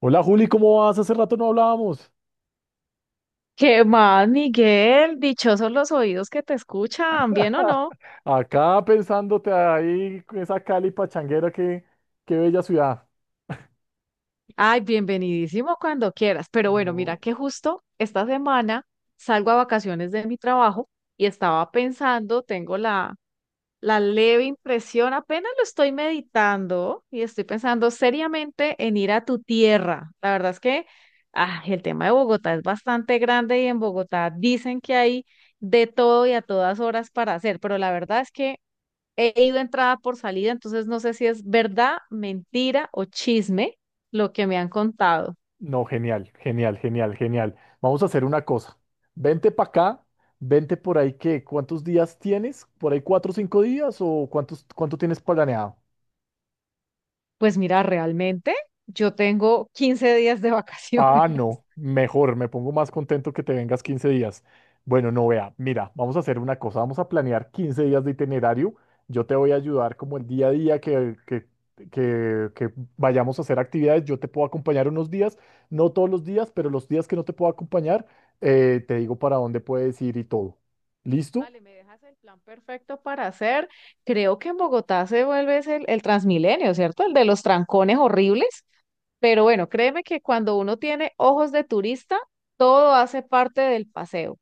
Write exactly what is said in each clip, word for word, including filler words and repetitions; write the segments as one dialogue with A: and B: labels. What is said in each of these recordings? A: Hola Juli, ¿cómo vas? Hace rato no hablábamos.
B: ¿Qué más, Miguel? Dichosos los oídos que te escuchan, ¿bien o no?
A: Acá pensándote ahí, con esa Cali pachanguera, qué, qué bella ciudad.
B: Ay, bienvenidísimo cuando quieras. Pero bueno, mira
A: No,
B: que justo esta semana salgo a vacaciones de mi trabajo y estaba pensando, tengo la, la leve impresión, apenas lo estoy meditando y estoy pensando seriamente en ir a tu tierra. La verdad es que ah, el tema de Bogotá es bastante grande y en Bogotá dicen que hay de todo y a todas horas para hacer, pero la verdad es que he ido entrada por salida, entonces no sé si es verdad, mentira o chisme lo que me han contado.
A: no, genial, genial, genial, genial. Vamos a hacer una cosa. Vente para acá, vente por ahí, ¿qué? ¿Cuántos días tienes? ¿Por ahí cuatro o cinco días? ¿O cuántos, cuánto tienes planeado?
B: Pues mira, realmente yo tengo quince días de vacaciones.
A: Ah, no, mejor, me pongo más contento que te vengas quince días. Bueno, no vea, mira, vamos a hacer una cosa, vamos a planear quince días de itinerario. Yo te voy a ayudar como el día a día que, que, que, que vayamos a hacer actividades. Yo te puedo acompañar unos días, no todos los días, pero los días que no te puedo acompañar, eh, te digo para dónde puedes ir y todo. ¿Listo?
B: Vale, me dejas el plan perfecto para hacer. Creo que en Bogotá se vuelve ese el, el Transmilenio, ¿cierto? El de los trancones horribles. Pero bueno, créeme que cuando uno tiene ojos de turista, todo hace parte del paseo.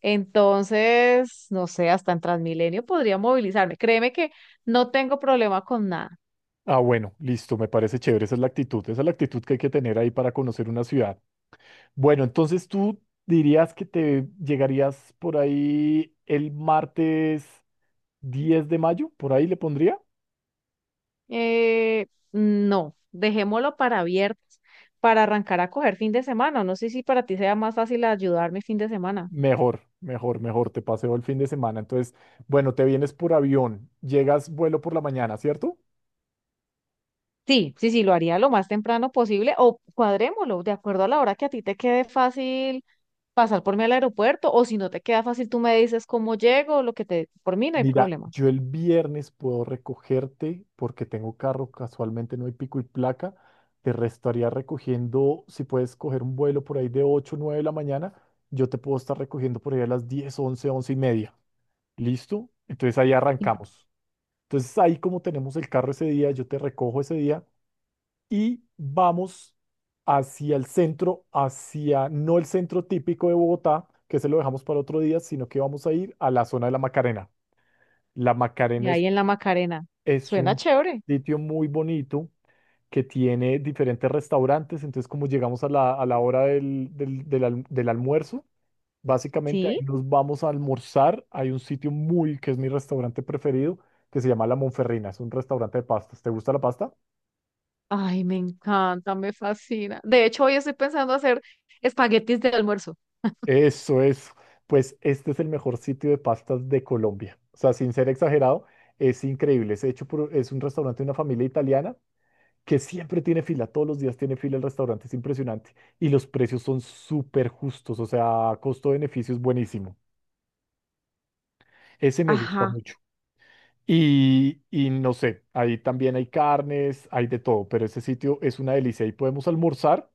B: Entonces, no sé, hasta en Transmilenio podría movilizarme. Créeme que no tengo problema con nada.
A: Ah, bueno, listo, me parece chévere. Esa es la actitud, esa es la actitud que hay que tener ahí para conocer una ciudad. Bueno, entonces tú dirías que te llegarías por ahí el martes diez de mayo, por ahí le pondría.
B: Eh, no, dejémoslo para viernes, para arrancar a coger fin de semana. No sé si para ti sea más fácil ayudarme fin de semana.
A: Mejor, mejor, mejor, te paseo el fin de semana. Entonces, bueno, te vienes por avión, llegas vuelo por la mañana, ¿cierto?
B: Sí, sí, sí, lo haría lo más temprano posible o cuadrémoslo de acuerdo a la hora que a ti te quede fácil pasar por mí al aeropuerto o si no te queda fácil tú me dices cómo llego, lo que te... Por mí no hay
A: Mira,
B: problema.
A: yo el viernes puedo recogerte porque tengo carro, casualmente no hay pico y placa. Te restaría recogiendo, si puedes coger un vuelo por ahí de ocho o nueve de la mañana, yo te puedo estar recogiendo por ahí a las diez once once y media. ¿Listo? Entonces ahí
B: Y
A: arrancamos. Entonces ahí como tenemos el carro ese día, yo te recojo ese día y vamos hacia el centro, hacia no el centro típico de Bogotá, que se lo dejamos para otro día, sino que vamos a ir a la zona de la Macarena. La
B: y
A: Macarena es,
B: ahí en la Macarena.
A: es
B: Suena
A: un
B: chévere,
A: sitio muy bonito que tiene diferentes restaurantes, entonces como llegamos a la, a la hora del, del, del alm- del almuerzo. Básicamente
B: ¿sí?
A: ahí nos vamos a almorzar. Hay un sitio muy, que es mi restaurante preferido, que se llama La Monferrina. Es un restaurante de pastas. ¿Te gusta la pasta?
B: Ay, me encanta, me fascina. De hecho, hoy estoy pensando hacer espaguetis de almuerzo.
A: Eso es. Pues este es el mejor sitio de pastas de Colombia. O sea, sin ser exagerado, es increíble. Es hecho por, es un restaurante de una familia italiana que siempre tiene fila. Todos los días tiene fila el restaurante. Es impresionante. Y los precios son súper justos. O sea, costo-beneficio es buenísimo. Ese me gusta
B: Ajá.
A: mucho. Y, y no sé, ahí también hay carnes, hay de todo, pero ese sitio es una delicia. Ahí podemos almorzar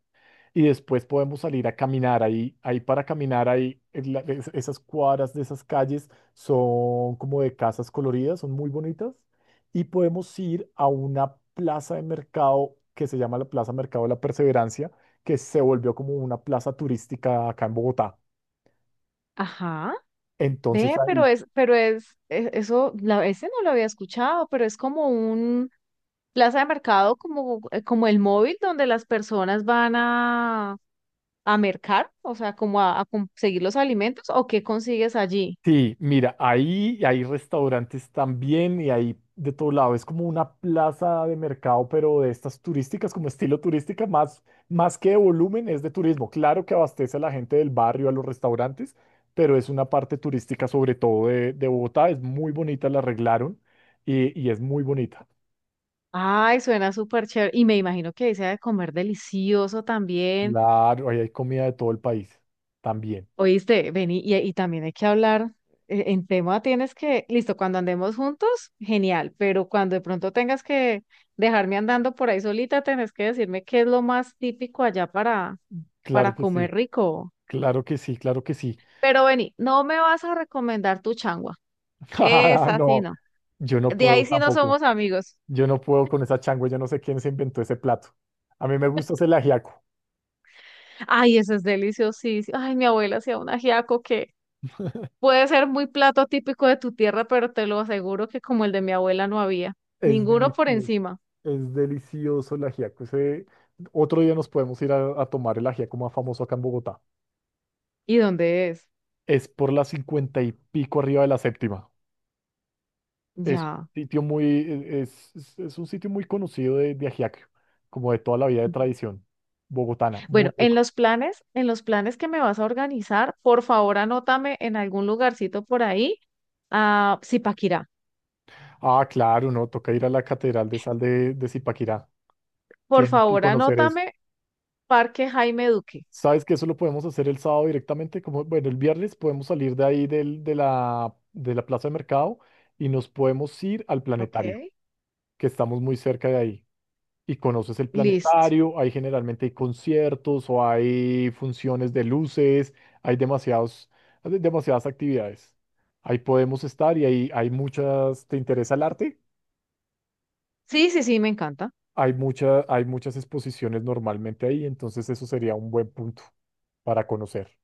A: y después podemos salir a caminar. Ahí, ahí para caminar, ahí en la- es- esas cuadras de esas calles son como de casas coloridas, son muy bonitas. Y podemos ir a una plaza de mercado que se llama la Plaza Mercado de la Perseverancia, que se volvió como una plaza turística acá en Bogotá.
B: Ajá.
A: Entonces
B: Ve, pero
A: ahí
B: es, pero es, e- eso, la, ese no lo había escuchado, pero es como un plaza de mercado, como, eh, como el móvil donde las personas van a, a mercar, o sea, como a, a conseguir los alimentos, o qué consigues allí.
A: sí, mira, ahí hay restaurantes también y hay de todo lado. Es como una plaza de mercado, pero de estas turísticas, como estilo turística, más, más que de volumen, es de turismo. Claro que abastece a la gente del barrio, a los restaurantes, pero es una parte turística sobre todo de, de Bogotá. Es muy bonita, la arreglaron y, y es muy bonita.
B: Ay, suena súper chévere. Y me imagino que ahí se ha de comer delicioso también.
A: Claro, ahí hay comida de todo el país también.
B: Oíste, vení, y, y también hay que hablar eh, en tema, tienes que, listo, cuando andemos juntos, genial, pero cuando de pronto tengas que dejarme andando por ahí solita, tenés que decirme qué es lo más típico allá para,
A: Claro
B: para
A: que sí,
B: comer rico.
A: claro que sí, claro que sí.
B: Pero vení, no me vas a recomendar tu changua, esa sí
A: No,
B: no.
A: yo no
B: De
A: puedo
B: ahí sí no
A: tampoco.
B: somos amigos.
A: Yo no puedo con esa changua, yo no sé quién se inventó ese plato. A mí me gusta ese ajiaco,
B: Ay, eso es deliciosísimo. Ay, mi abuela hacía un ajiaco que puede ser muy plato típico de tu tierra, pero te lo aseguro que como el de mi abuela no había.
A: es
B: Ninguno por
A: delicioso,
B: encima.
A: es delicioso el ajiaco. Ese… Otro día nos podemos ir a, a tomar el ajiaco más famoso acá en Bogotá.
B: ¿Y dónde es?
A: Es por la cincuenta y pico arriba de la séptima. Es un
B: Ya.
A: sitio muy, e- es, es- es un sitio muy conocido de, de ajiaco, como de toda la vida de tradición bogotana,
B: Bueno,
A: muy
B: en
A: rico.
B: los planes, en los planes que me vas a organizar, por favor anótame en algún lugarcito por ahí a Zipaquirá.
A: Ah, claro, no, toca ir a la Catedral de Sal de, de Zipaquirá.
B: Por
A: Tienes que
B: favor
A: conocer eso.
B: anótame Parque Jaime Duque.
A: ¿Sabes que eso lo podemos hacer el sábado directamente? Como, bueno, el viernes podemos salir de ahí del, de la, de la plaza de mercado y nos podemos ir al planetario,
B: Ok.
A: que estamos muy cerca de ahí. Y conoces el
B: Listo.
A: planetario, ahí generalmente hay conciertos o hay funciones de luces, hay demasiados, hay demasiadas actividades. Ahí podemos estar y ahí hay muchas, ¿te interesa el arte?
B: Sí, sí, sí, me encanta.
A: Hay mucha, hay muchas exposiciones normalmente ahí, entonces eso sería un buen punto para conocer.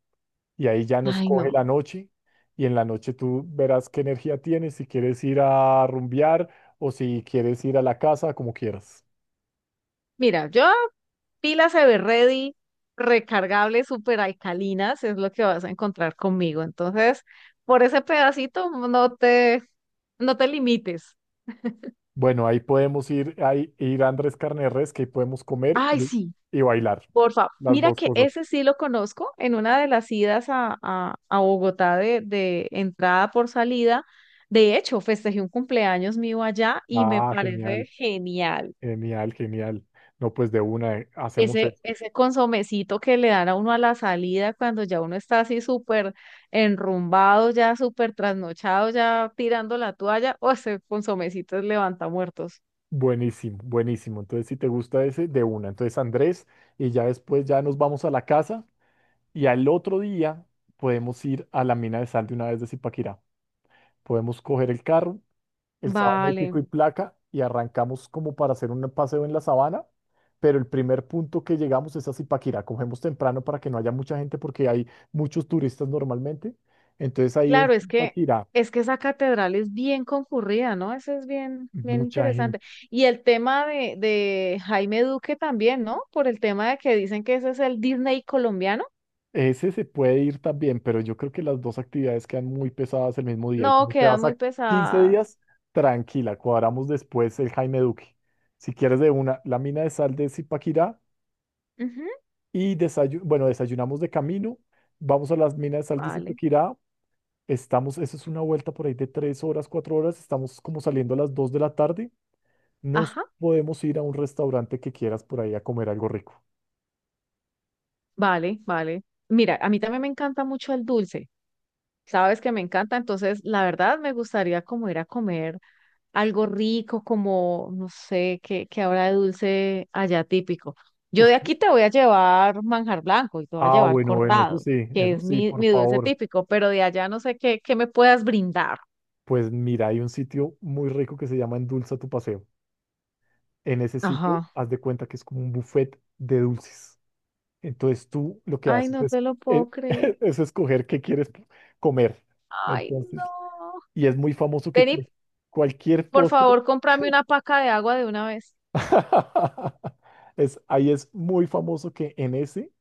A: Y ahí ya nos
B: Ay,
A: coge
B: no.
A: la noche y en la noche tú verás qué energía tienes, si quieres ir a rumbear o si quieres ir a la casa, como quieras.
B: Mira, yo pilas Everready, recargables, super alcalinas, es lo que vas a encontrar conmigo. Entonces, por ese pedacito no te, no te limites.
A: Bueno, ahí podemos ir, ahí, ir a Andrés Carne de Res, que ahí podemos comer
B: Ay,
A: y,
B: sí.
A: y bailar,
B: Por favor,
A: las
B: mira
A: dos
B: que
A: cosas.
B: ese sí lo conozco en una de las idas a, a- a Bogotá de, de entrada por salida. De hecho, festejé un cumpleaños mío allá y me
A: Ah,
B: parece
A: genial,
B: genial.
A: genial, genial. No, pues de una, eh, hacemos
B: Ese,
A: eso.
B: ese consomecito que le dan a uno a la salida cuando ya uno está así súper enrumbado, ya súper trasnochado, ya tirando la toalla, o ese consomecito es levanta muertos.
A: Buenísimo, buenísimo. Entonces, si te gusta ese, de una. Entonces, Andrés, y ya después ya nos vamos a la casa y al otro día podemos ir a la mina de sal de una vez de Zipaquirá. Podemos coger el carro, el sábado no hay pico
B: Vale.
A: y placa y arrancamos como para hacer un paseo en la sabana, pero el primer punto que llegamos es a Zipaquirá. Cogemos temprano para que no haya mucha gente porque hay muchos turistas normalmente. Entonces ahí en
B: Claro, es que
A: Zipaquirá,
B: es que esa catedral es bien concurrida, ¿no? Eso es bien, bien
A: mucha
B: interesante.
A: gente.
B: Y el tema de, de Jaime Duque también, ¿no? Por el tema de que dicen que ese es el Disney colombiano.
A: Ese se puede ir también, pero yo creo que las dos actividades quedan muy pesadas el mismo día y
B: No,
A: como te
B: quedan
A: vas
B: muy
A: a quince
B: pesadas.
A: días, tranquila, cuadramos después el Jaime Duque. Si quieres de una, la mina de sal de Zipaquirá.
B: Ujú,
A: Y desayu- bueno, desayunamos de camino, vamos a las minas de sal de
B: vale.
A: Zipaquirá, estamos, eso es una vuelta por ahí de tres horas, cuatro horas, estamos como saliendo a las dos de la tarde, nos
B: Ajá.
A: podemos ir a un restaurante que quieras por ahí a comer algo rico.
B: Vale, vale. Mira, a mí también me encanta mucho el dulce. Sabes que me encanta, entonces la verdad me gustaría como ir a comer algo rico como, no sé, qué qué habrá de dulce allá típico. Yo
A: Uf,
B: de aquí te voy a llevar manjar blanco y te voy a
A: ah,
B: llevar
A: bueno, bueno, eso
B: cortado,
A: sí,
B: que
A: eso
B: es
A: sí,
B: mi,
A: por
B: mi dulce
A: favor.
B: típico, pero de allá no sé qué, qué me puedas brindar.
A: Pues mira, hay un sitio muy rico que se llama Endulza tu paseo. En ese sitio,
B: Ajá.
A: haz de cuenta que es como un buffet de dulces. Entonces tú lo que
B: Ay,
A: haces
B: no
A: es,
B: te lo
A: eh,
B: puedo creer.
A: es escoger qué quieres comer.
B: Ay,
A: Entonces,
B: no.
A: y es muy famoso que
B: Ven y,
A: cu- cualquier
B: por
A: postre,
B: favor, cómprame una paca de agua de una vez.
A: es, ahí es muy famoso que en ese,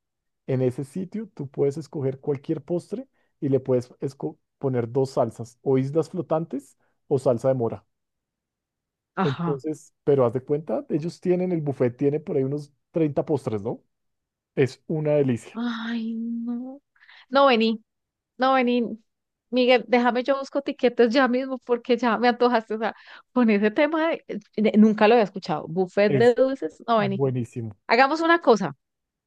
A: en ese sitio tú puedes escoger cualquier postre y le puedes esco- poner dos salsas, o islas flotantes o salsa de mora.
B: Ajá.
A: Entonces, pero haz de cuenta, ellos tienen, el buffet tiene por ahí unos treinta postres, ¿no? Es una delicia,
B: Ay, no. No, vení. No, vení, Miguel, déjame yo busco tiquetes ya mismo porque ya me antojaste. O sea, con ese tema de- de- nunca lo había escuchado. Buffet de
A: es
B: dulces. No, vení.
A: buenísimo.
B: Hagamos una cosa.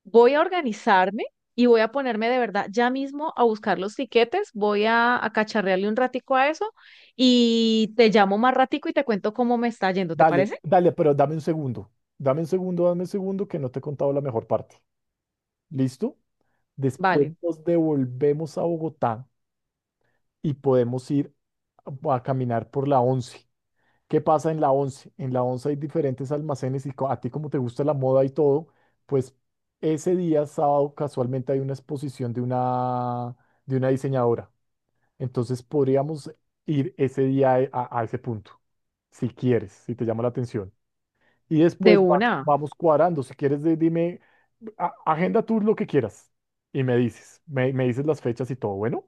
B: Voy a organizarme y voy a ponerme de verdad ya mismo a buscar los tiquetes. Voy a, a cacharrearle un ratico a eso y te llamo más ratico y te cuento cómo me está yendo. ¿Te
A: Dale,
B: parece?
A: dale, pero dame un segundo, dame un segundo, dame un segundo que no te he contado la mejor parte. ¿Listo? Después
B: Vale,
A: nos devolvemos a Bogotá y podemos ir a a caminar por la once. ¿Qué pasa en la once? En la once hay diferentes almacenes y co- a ti como te gusta la moda y todo, pues ese día, sábado, casualmente hay una exposición de una, de una diseñadora. Entonces podríamos ir ese día e- a, a ese punto, si quieres, si te llama la atención. Y
B: de
A: después vas-
B: una.
A: vamos cuadrando. Si quieres, de- dime, a- agenda tú lo que quieras y me dices, me, me dices las fechas y todo, bueno.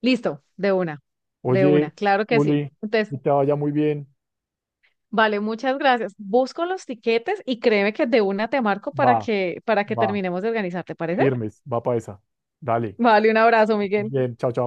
B: Listo, de una. De una,
A: Oye,
B: claro que sí.
A: Uli,
B: Entonces,
A: que te vaya muy bien.
B: vale, muchas gracias. Busco los tiquetes y créeme que de una te marco para
A: Va,
B: que, para que
A: va,
B: terminemos de organizar, ¿te parece?
A: firmes, va para esa. Dale.
B: Vale, un abrazo, Miguel.
A: Bien, chao, chao.